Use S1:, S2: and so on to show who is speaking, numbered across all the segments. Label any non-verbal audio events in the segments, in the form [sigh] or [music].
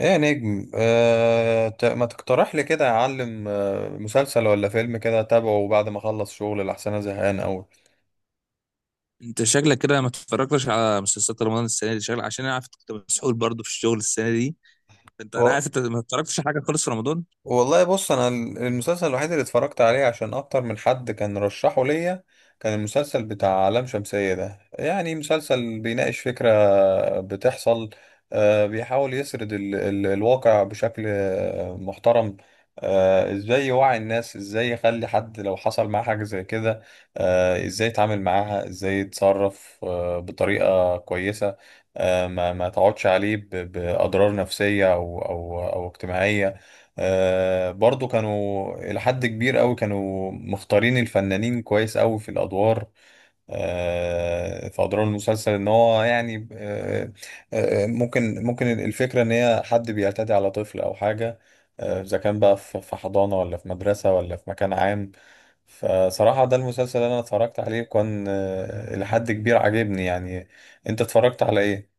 S1: ايه يا نجم ما تقترح لي كده اعلم مسلسل ولا فيلم كده اتابعه بعد ما اخلص شغل لأحسن انا زهقان قوي.
S2: انت شكلك كده ما اتفرجتش على مسلسلات رمضان السنه دي شكلك، عشان انا عارف كنت مسحول برضه في الشغل السنه دي. انا عارف انت ما اتفرجتش على حاجه خالص في رمضان.
S1: والله بص انا المسلسل الوحيد اللي اتفرجت عليه عشان اكتر من حد كان رشحه ليا كان المسلسل بتاع لام شمسية ده، يعني مسلسل بيناقش فكرة بتحصل. بيحاول يسرد ال الواقع بشكل محترم. ازاي يوعي الناس، ازاي يخلي حد لو حصل معاه حاجة زي كده ازاي يتعامل معاها، ازاي يتصرف بطريقة كويسة. ما تقعدش عليه بأضرار نفسية أو اجتماعية. آه برضو كانوا إلى حد كبير أوي، كانوا مختارين الفنانين كويس أوي في الأدوار. آه في أدوار المسلسل إن هو يعني ممكن الفكرة إن هي حد بيعتدي على طفل أو حاجة إذا كان بقى في حضانة ولا في مدرسة ولا في مكان عام. فصراحة ده المسلسل اللي أنا اتفرجت عليه، كان إلى حد كبير عاجبني يعني. أنت اتفرجت على إيه؟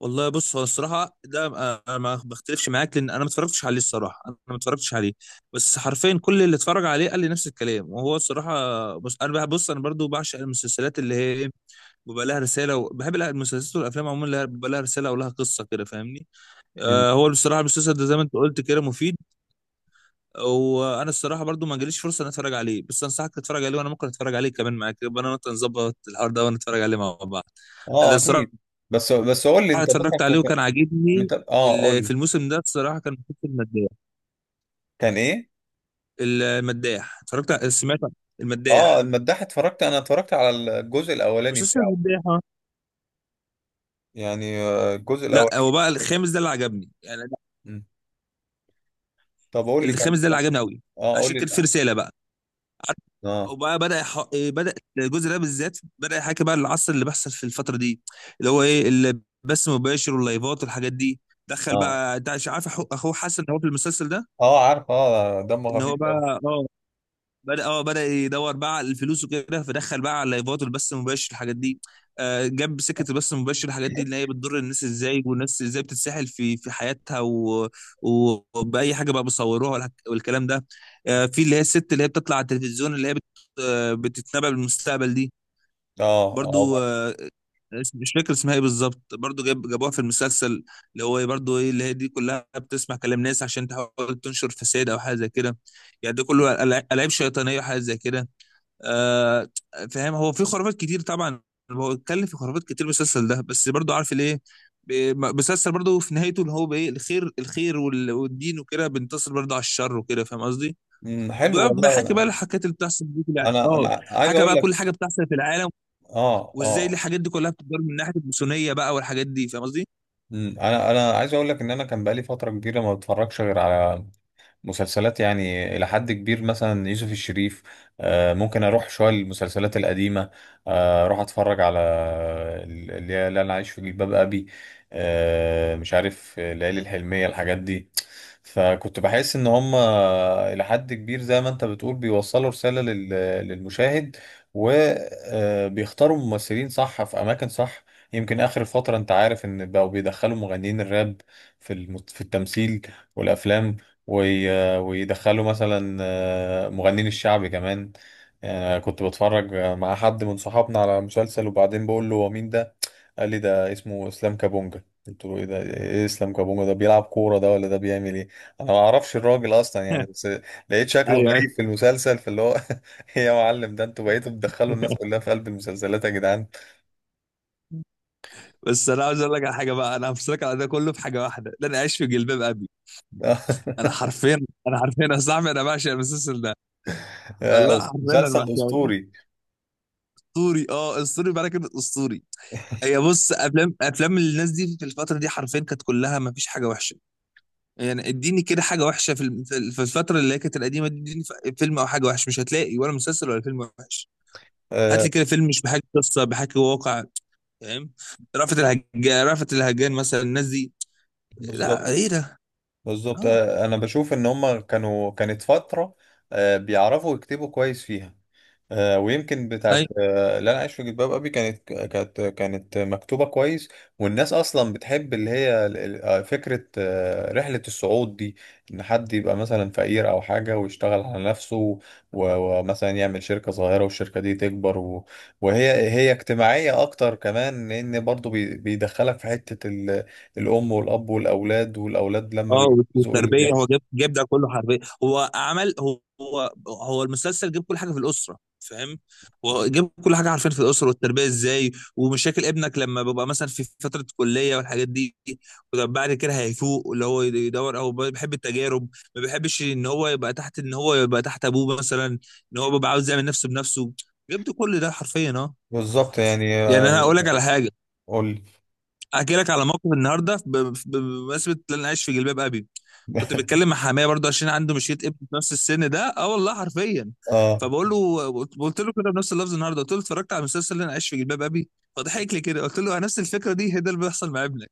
S2: والله بص، هو الصراحه ده انا ما بختلفش معاك، لان انا ما اتفرجتش عليه الصراحه، انا ما اتفرجتش عليه. بس حرفيا كل اللي اتفرج عليه قال لي نفس الكلام. وهو الصراحه بص انا برضو بعشق المسلسلات اللي هي بيبقى لها رساله. وبحب المسلسلات والافلام عموما بيبقى لها رساله ولها قصه كده، فاهمني؟
S1: مم.
S2: آه. هو بصراحه المسلسل ده زي ما انت قلت كده مفيد. وانا الصراحه برضو ما جاليش فرصه ان اتفرج عليه، بس انصحك تتفرج عليه، وانا ممكن اتفرج عليه كمان معاك، يبقى انا وانت نظبط الحوار ده ونتفرج عليه مع بعض. انا
S1: آه أكيد.
S2: الصراحه
S1: بس قول لي أنت مثلا
S2: اتفرجت عليه
S1: كنت
S2: وكان عاجبني.
S1: قول
S2: في
S1: لي.
S2: الموسم ده الصراحه كان مسلسل المداح.
S1: كان ايه؟
S2: المداح سمعت عن
S1: اه
S2: المداح.
S1: المداح اتفرجت، اتفرجت على الجزء الاولاني
S2: مسلسل
S1: بتاعه.
S2: المداح آه.
S1: يعني الجزء
S2: لا،
S1: الاولاني.
S2: هو بقى الخامس ده اللي عجبني يعني.
S1: مم. طب قول لي
S2: الخامس
S1: كان
S2: ده اللي
S1: بس.
S2: عجبني قوي،
S1: اه قول
S2: عشان
S1: لي
S2: كان في
S1: الأحداث.
S2: رساله بقى.
S1: اه
S2: وبقى بدأ يح... إيه بدأ الجزء ده بالذات، بدأ يحكي بقى العصر اللي بيحصل في الفترة دي، اللي هو ايه، اللي بث مباشر واللايفات والحاجات دي. دخل
S1: اه.
S2: بقى، انت مش عارف اخوه حسن هو في المسلسل ده،
S1: اه عارف، اه دمه
S2: ان هو
S1: خفيف قوي.
S2: بقى بدأ يدور بقى على الفلوس وكده. فدخل بقى على اللايفات والبث المباشر الحاجات دي. جاب سكة البث المباشر الحاجات دي، اللي هي بتضر الناس ازاي، والناس ازاي بتتسحل في حياتها، و... وبأي حاجة بقى بيصوروها، والكلام ده. في اللي هي الست اللي هي بتطلع على التلفزيون، اللي هي بت... آه، بتتنبأ بالمستقبل دي.
S1: اه اه.
S2: برضو مش فاكر اسمها ايه بالظبط. برضو جابوها في المسلسل، اللي هو برضو ايه، اللي هي دي كلها بتسمع كلام ناس عشان تحاول تنشر فساد او حاجه زي كده. يعني ده كله ألعاب شيطانيه وحاجات زي كده. آه فاهم؟ هو في خرافات كتير طبعا. هو اتكلم في خرافات كتير المسلسل ده، بس برضو عارف ليه؟ مسلسل برضو في نهايته اللي هو بايه الخير، الخير والدين وكده بينتصر برضو على الشر وكده، فاهم قصدي؟
S1: أمم، حلو. والله
S2: وبحكي بقى الحاجات اللي بتحصل دي في
S1: انا عايز
S2: حكى
S1: اقول
S2: بقى كل
S1: لك.
S2: حاجه بتحصل في العالم،
S1: اه
S2: وازاي
S1: اه.
S2: الحاجات دي كلها بتدار من ناحيه الماسونيه بقى والحاجات دي، فاهم قصدي؟
S1: أمم، انا عايز اقول لك ان انا كان بقالي فتره كبيره ما بتفرجش غير على مسلسلات، يعني إلى حد كبير مثلا يوسف الشريف. ممكن أروح شوية للمسلسلات القديمة. أروح أتفرج على اللي هي اللي أنا عايش في جلباب أبي. مش عارف ليالي الحلمية، الحاجات دي. فكنت بحس إن هم إلى حد كبير زي ما أنت بتقول بيوصلوا رسالة للمشاهد، وبيختاروا ممثلين صح في أماكن صح. يمكن آخر فترة أنت عارف إن بقوا بيدخلوا مغنيين الراب في التمثيل والأفلام، ويدخلوا مثلا مغنين الشعبي كمان. كنت بتفرج مع حد من صحابنا على مسلسل، وبعدين بقول له هو مين ده؟ قال لي ده اسمه اسلام كابونجا. قلت له ايه ده؟ ايه اسلام كابونجا ده؟ بيلعب كورة ده، ولا ده بيعمل ايه؟ انا ما اعرفش الراجل اصلا يعني،
S2: [laughs]
S1: بس لقيت شكله
S2: ايوه، ايوه.
S1: غريب في المسلسل. فاللي هو [laughs] إيه يا معلم؟ ده انتوا بقيتوا تدخلوا الناس كلها في قلب المسلسلات يا جدعان.
S2: بس انا عاوز اقول لك على حاجه بقى، انا همسك على ده كله في حاجه واحده، ده انا عايش في جلباب ابي. انا
S1: [laughs]
S2: حرفيا، انا حرفيا يا صاحبي انا بعشق المسلسل ده.
S1: آه،
S2: والله حرفيا انا
S1: مسلسل
S2: بحكي
S1: اسطوري.
S2: اسطوري، اسطوري بقى كده اسطوري. هي بص، افلام افلام الناس دي في الفتره دي حرفيا كانت كلها ما فيش حاجه وحشه. يعني اديني كده حاجه وحشه في الم- في في الفتره اللي هي كانت القديمه دي. اديني فيلم او حاجه وحشه مش هتلاقي، ولا مسلسل ولا فيلم وحش. هات
S1: آه،
S2: لي كده فيلم مش بحكي قصه، بحكي واقع، فاهم؟ رأفت الهجان، رأفت الهجان مثلا الناس دي. لا
S1: بالظبط.
S2: ايه ده!
S1: بالظبط
S2: اه،
S1: انا بشوف ان هم كانوا، كانت فترة بيعرفوا يكتبوا كويس فيها. ويمكن بتاعت اللي انا عايش في جلباب ابي كانت كانت مكتوبه كويس. والناس اصلا بتحب اللي هي فكره رحله الصعود دي، ان حد يبقى مثلا فقير او حاجه ويشتغل على نفسه ومثلا يعمل شركه صغيره والشركه دي تكبر، وهي اجتماعيه اكتر كمان، لان برضو بيدخلك في حته الام والاب والاولاد، والاولاد لما
S2: اه.
S1: بيتجوزوا ايه اللي
S2: والتربيه، هو
S1: بيحصل.
S2: جاب ده كله حربيه. هو عمل، هو المسلسل جاب كل حاجه في الاسره، فاهم؟ هو جاب كل حاجه عارفين في الاسره والتربيه ازاي. ومشاكل ابنك لما بيبقى مثلا في فتره كليه والحاجات دي. وطب بعد كده هيفوق اللي هو يدور او بيحب التجارب. ما بيحبش ان هو يبقى تحت، ان هو يبقى تحت ابوه مثلا، ان هو بيبقى عاوز يعمل نفسه بنفسه. جاب ده كل ده حرفيا، اه.
S1: بالظبط يعني
S2: يعني انا هقول لك على حاجه،
S1: قول لي.
S2: احكي لك على موقف النهارده، بمناسبه ان انا عايش في جلباب ابي. كنت
S1: [laughs]
S2: بتكلم مع حماية برضه، عشان عنده مشيت ابن في نفس السن ده، اه والله حرفيا.
S1: اه.
S2: فبقول له، قلت له كده بنفس اللفظ النهارده، قلت له اتفرجت على المسلسل اللي انا عايش في جلباب ابي. فضحك لي كده. قلت له نفس الفكره دي، هي ده اللي بيحصل مع ابنك.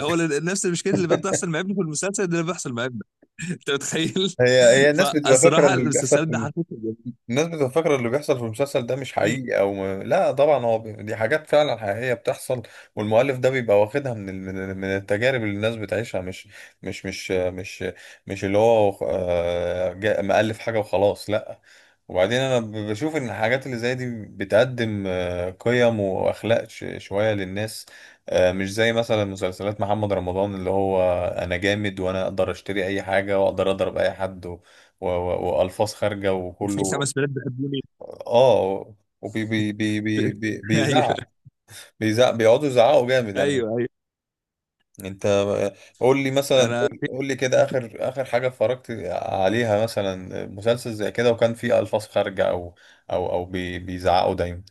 S2: هو نفس المشكله اللي بتحصل مع ابنك في المسلسل ده اللي بيحصل مع ابنك. انت متخيل؟
S1: هي
S2: [laughs]
S1: الناس بتبقى فاكره
S2: فالصراحه
S1: ان اللي بيحصل
S2: المسلسل ده
S1: في
S2: حرفيا.
S1: الناس بتبقى فاكرة اللي بيحصل في المسلسل ده مش حقيقي او ما... لا طبعا هو بي... دي حاجات فعلا حقيقية بتحصل. والمؤلف ده بيبقى واخدها من ال... من التجارب اللي الناس بتعيشها، مش مش مش مش اللي هو جا... مؤلف حاجة وخلاص، لا. وبعدين انا بشوف ان الحاجات اللي زي دي بتقدم قيم واخلاق ش... شوية للناس. مش زي مثلا مسلسلات محمد رمضان، اللي هو انا جامد وانا اقدر اشتري اي حاجة واقدر اضرب اي حد والفاظ خارجه
S2: في
S1: وكله.
S2: خمس بنات بيحبوني.
S1: اه. وبي بي بي بي
S2: [laughs]
S1: بي
S2: ايوه،
S1: بيزعق. بيزعق، بيقعدوا يزعقوا جامد. انا
S2: ايوه، ايوه،
S1: انت قول لي مثلا،
S2: انا.
S1: قول لي كده اخر حاجه اتفرجت عليها مثلا مسلسل زي كده، وكان فيه الفاظ خارجه او بيزعقوا دايما.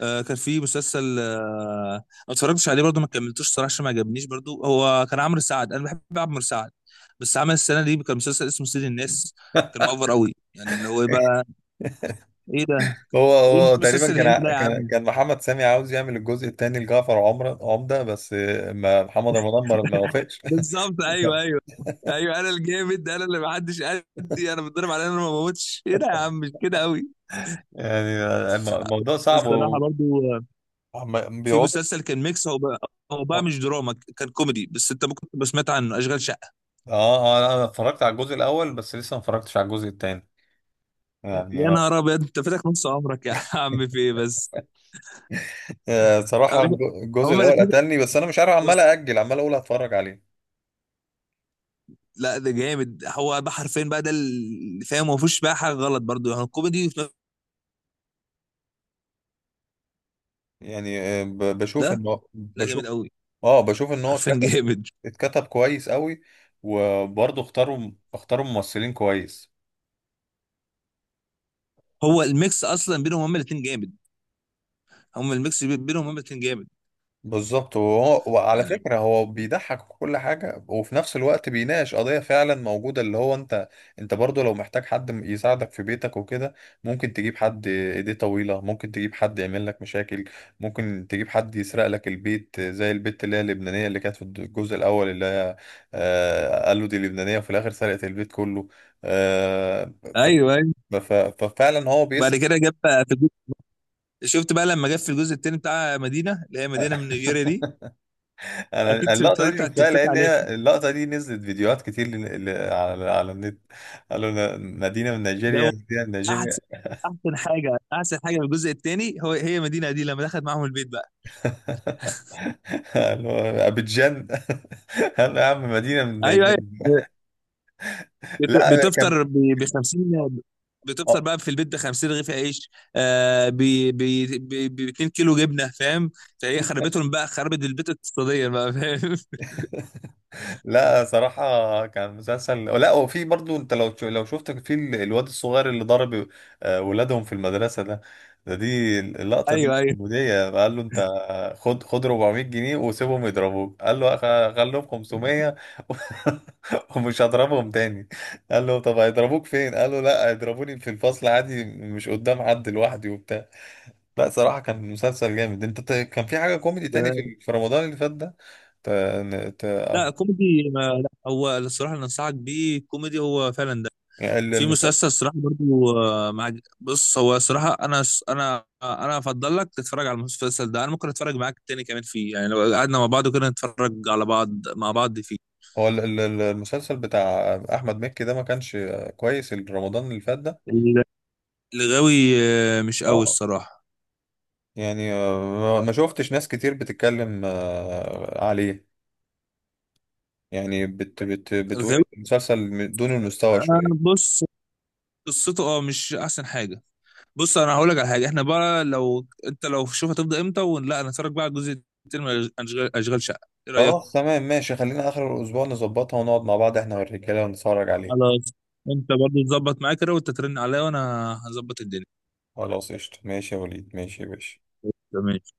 S2: كان في مسلسل أنا ما اتفرجتش عليه برضو، ما كملتوش صراحه عشان ما عجبنيش برضو. هو كان عمرو سعد، انا بحب عمرو سعد. بس عمل السنه دي كان مسلسل اسمه سيد الناس. كان مأفر
S1: [laughs]
S2: قوي يعني، اللي هو إيه بقى. ايه ده!
S1: هو
S2: ايه
S1: هو
S2: المسلسل
S1: تقريبا كان
S2: الهندي ده يا
S1: كان
S2: عم؟
S1: كان محمد سامي عاوز يعمل الجزء الثاني لجعفر عمر عمده، بس ما محمد رمضان ما وافقش. [laughs]
S2: بالظبط، ايوه، ايوه. ايوه، انا الجامد، انا اللي ما حدش قدي، انا بتضرب على انا ما بموتش. ايه ده يا عم، مش كده قوي.
S1: يعني الموضوع صعب.
S2: الصراحه برضو آه، في
S1: بيقعدوا.
S2: مسلسل كان ميكس. هو بقى، هو بقى مش دراما، كان كوميدي. بس انت ممكن تبقى سمعت عنه، اشغال.
S1: اه اه. لا، انا اتفرجت على الجزء الاول بس، لسه ما اتفرجتش على الجزء التاني.
S2: يا
S1: يعني
S2: نهار ابيض، انت فاتك نص عمرك يا عم، في ايه بس؟
S1: صراحة الجزء
S2: هما
S1: الأول
S2: الاثنين.
S1: قتلني، بس أنا مش عارف عمال
S2: بص،
S1: أأجل، عمال أقول هتفرج عليه.
S2: لا ده جامد، هو ده حرفيا بقى، ده اللي فاهم. ما فيهوش بقى حاجه غلط برضو، يعني الكوميدي في نفس
S1: يعني بشوف
S2: ده.
S1: إن هو
S2: لا، جامد
S1: بشوف.
S2: قوي
S1: اه بشوف إن هو
S2: حرفيا [laughs]
S1: اتكتب،
S2: جامد.
S1: اتكتب كويس قوي. وبرضه اختاروا ممثلين كويس.
S2: هو الميكس اصلا بينهم هما الاثنين جامد. هما الميكس بينهم هما الاثنين جامد.
S1: بالظبط. وهو وعلى
S2: يعني،
S1: فكرة هو بيضحك وكل حاجة، وفي نفس الوقت بيناقش قضية فعلا موجودة. اللي هو انت، انت برضو لو محتاج حد يساعدك في بيتك وكده، ممكن تجيب حد ايديه طويلة، ممكن تجيب حد يعمل لك مشاكل، ممكن تجيب حد يسرق لك البيت زي البت اللي هي اللبنانية اللي كانت في الجزء الأول، اللي هي آه قالوا دي لبنانية وفي الآخر سرقت البيت كله. آه
S2: ايوه، ايوه.
S1: ف... ف- ففعلا هو
S2: بعد
S1: بيسرق.
S2: كده جاب، في، شفت بقى لما جت في الجزء التاني بتاع مدينه، اللي هي مدينه من نيجيريا دي.
S1: [laughs] انا
S2: اكيد
S1: اللقطه دي
S2: اتفرجت على التيك
S1: شفتها
S2: توك
S1: لان
S2: عليه.
S1: هي اللقطه دي نزلت فيديوهات كتير على النت. قالوا مدينه من
S2: ده
S1: نيجيريا،
S2: هو
S1: مدينه من نيجيريا.
S2: احسن، احسن حاجه، احسن حاجه في الجزء التاني، هو هي مدينه دي لما دخلت معاهم البيت بقى.
S1: [laughs] قالوا ابيجان. [laughs] قال له يا عم مدينه من
S2: ايوه،
S1: نيجيريا.
S2: ايوه.
S1: لا أنا كان
S2: بتفطر ب 50. بتفطر
S1: آه،
S2: بقى في البيت ب 50 رغيف عيش، آه ب ب ب 2 كيلو جبنه، فاهم؟ فهي خربتهم بقى، خربت البيت اقتصاديا بقى، فاهم؟ [laughs]
S1: لا صراحة كان مسلسل. لا وفي برضو انت لو لو شفت الواد الصغير اللي ضرب ولادهم في المدرسة ده، دي اللقطة دي
S2: ايوه، ايوه.
S1: كوميدية. قال له انت خد 400 جنيه وسيبهم يضربوك. قال له خليهم 500". [laughs] ومش هضربهم تاني. قال له طب هيضربوك فين؟ قال له لا هيضربوني في الفصل عادي مش قدام حد، لوحدي وبتاع. لا صراحة كان مسلسل جامد. انت كان في حاجة كوميدي تاني في في رمضان اللي فات ده ت... ت...
S2: لا كوميدي لا هو الصراحه اللي انصحك بيه كوميدي هو فعلا ده. في
S1: يعني
S2: مسلسل صراحة برضو مع، بص هو صراحة أنا أفضل لك تتفرج على المسلسل ده. أنا ممكن أتفرج معاك تاني كمان فيه، يعني لو قعدنا مع بعض وكده نتفرج على بعض مع بعض فيه.
S1: هو المسلسل بتاع احمد مكي ده ما كانش كويس رمضان اللي فات ده.
S2: ال- الغاوي مش قوي
S1: اه.
S2: الصراحة.
S1: يعني ما شفتش ناس كتير بتتكلم عليه يعني، بت بت بتقول
S2: الغاوي
S1: المسلسل دون المستوى
S2: آه،
S1: شوية.
S2: بص قصته أه مش أحسن حاجة. بص أنا هقول لك على حاجة، إحنا بقى لو أنت، لو شوف هتبدأ إمتى، ولا نتفرج بقى على الجزء التاني من أشغال، أشغال شقة، إيه
S1: خلاص
S2: رأيك؟
S1: تمام ماشي، خلينا آخر الأسبوع نظبطها ونقعد مع بعض احنا والرجالة ونتفرج عليه.
S2: خلاص. أنت برضو تظبط معاك كده، وأنت ترن عليا وأنا هظبط الدنيا.
S1: خلاص قشطة ماشي يا وليد، ماشي يا باشا.
S2: تمام.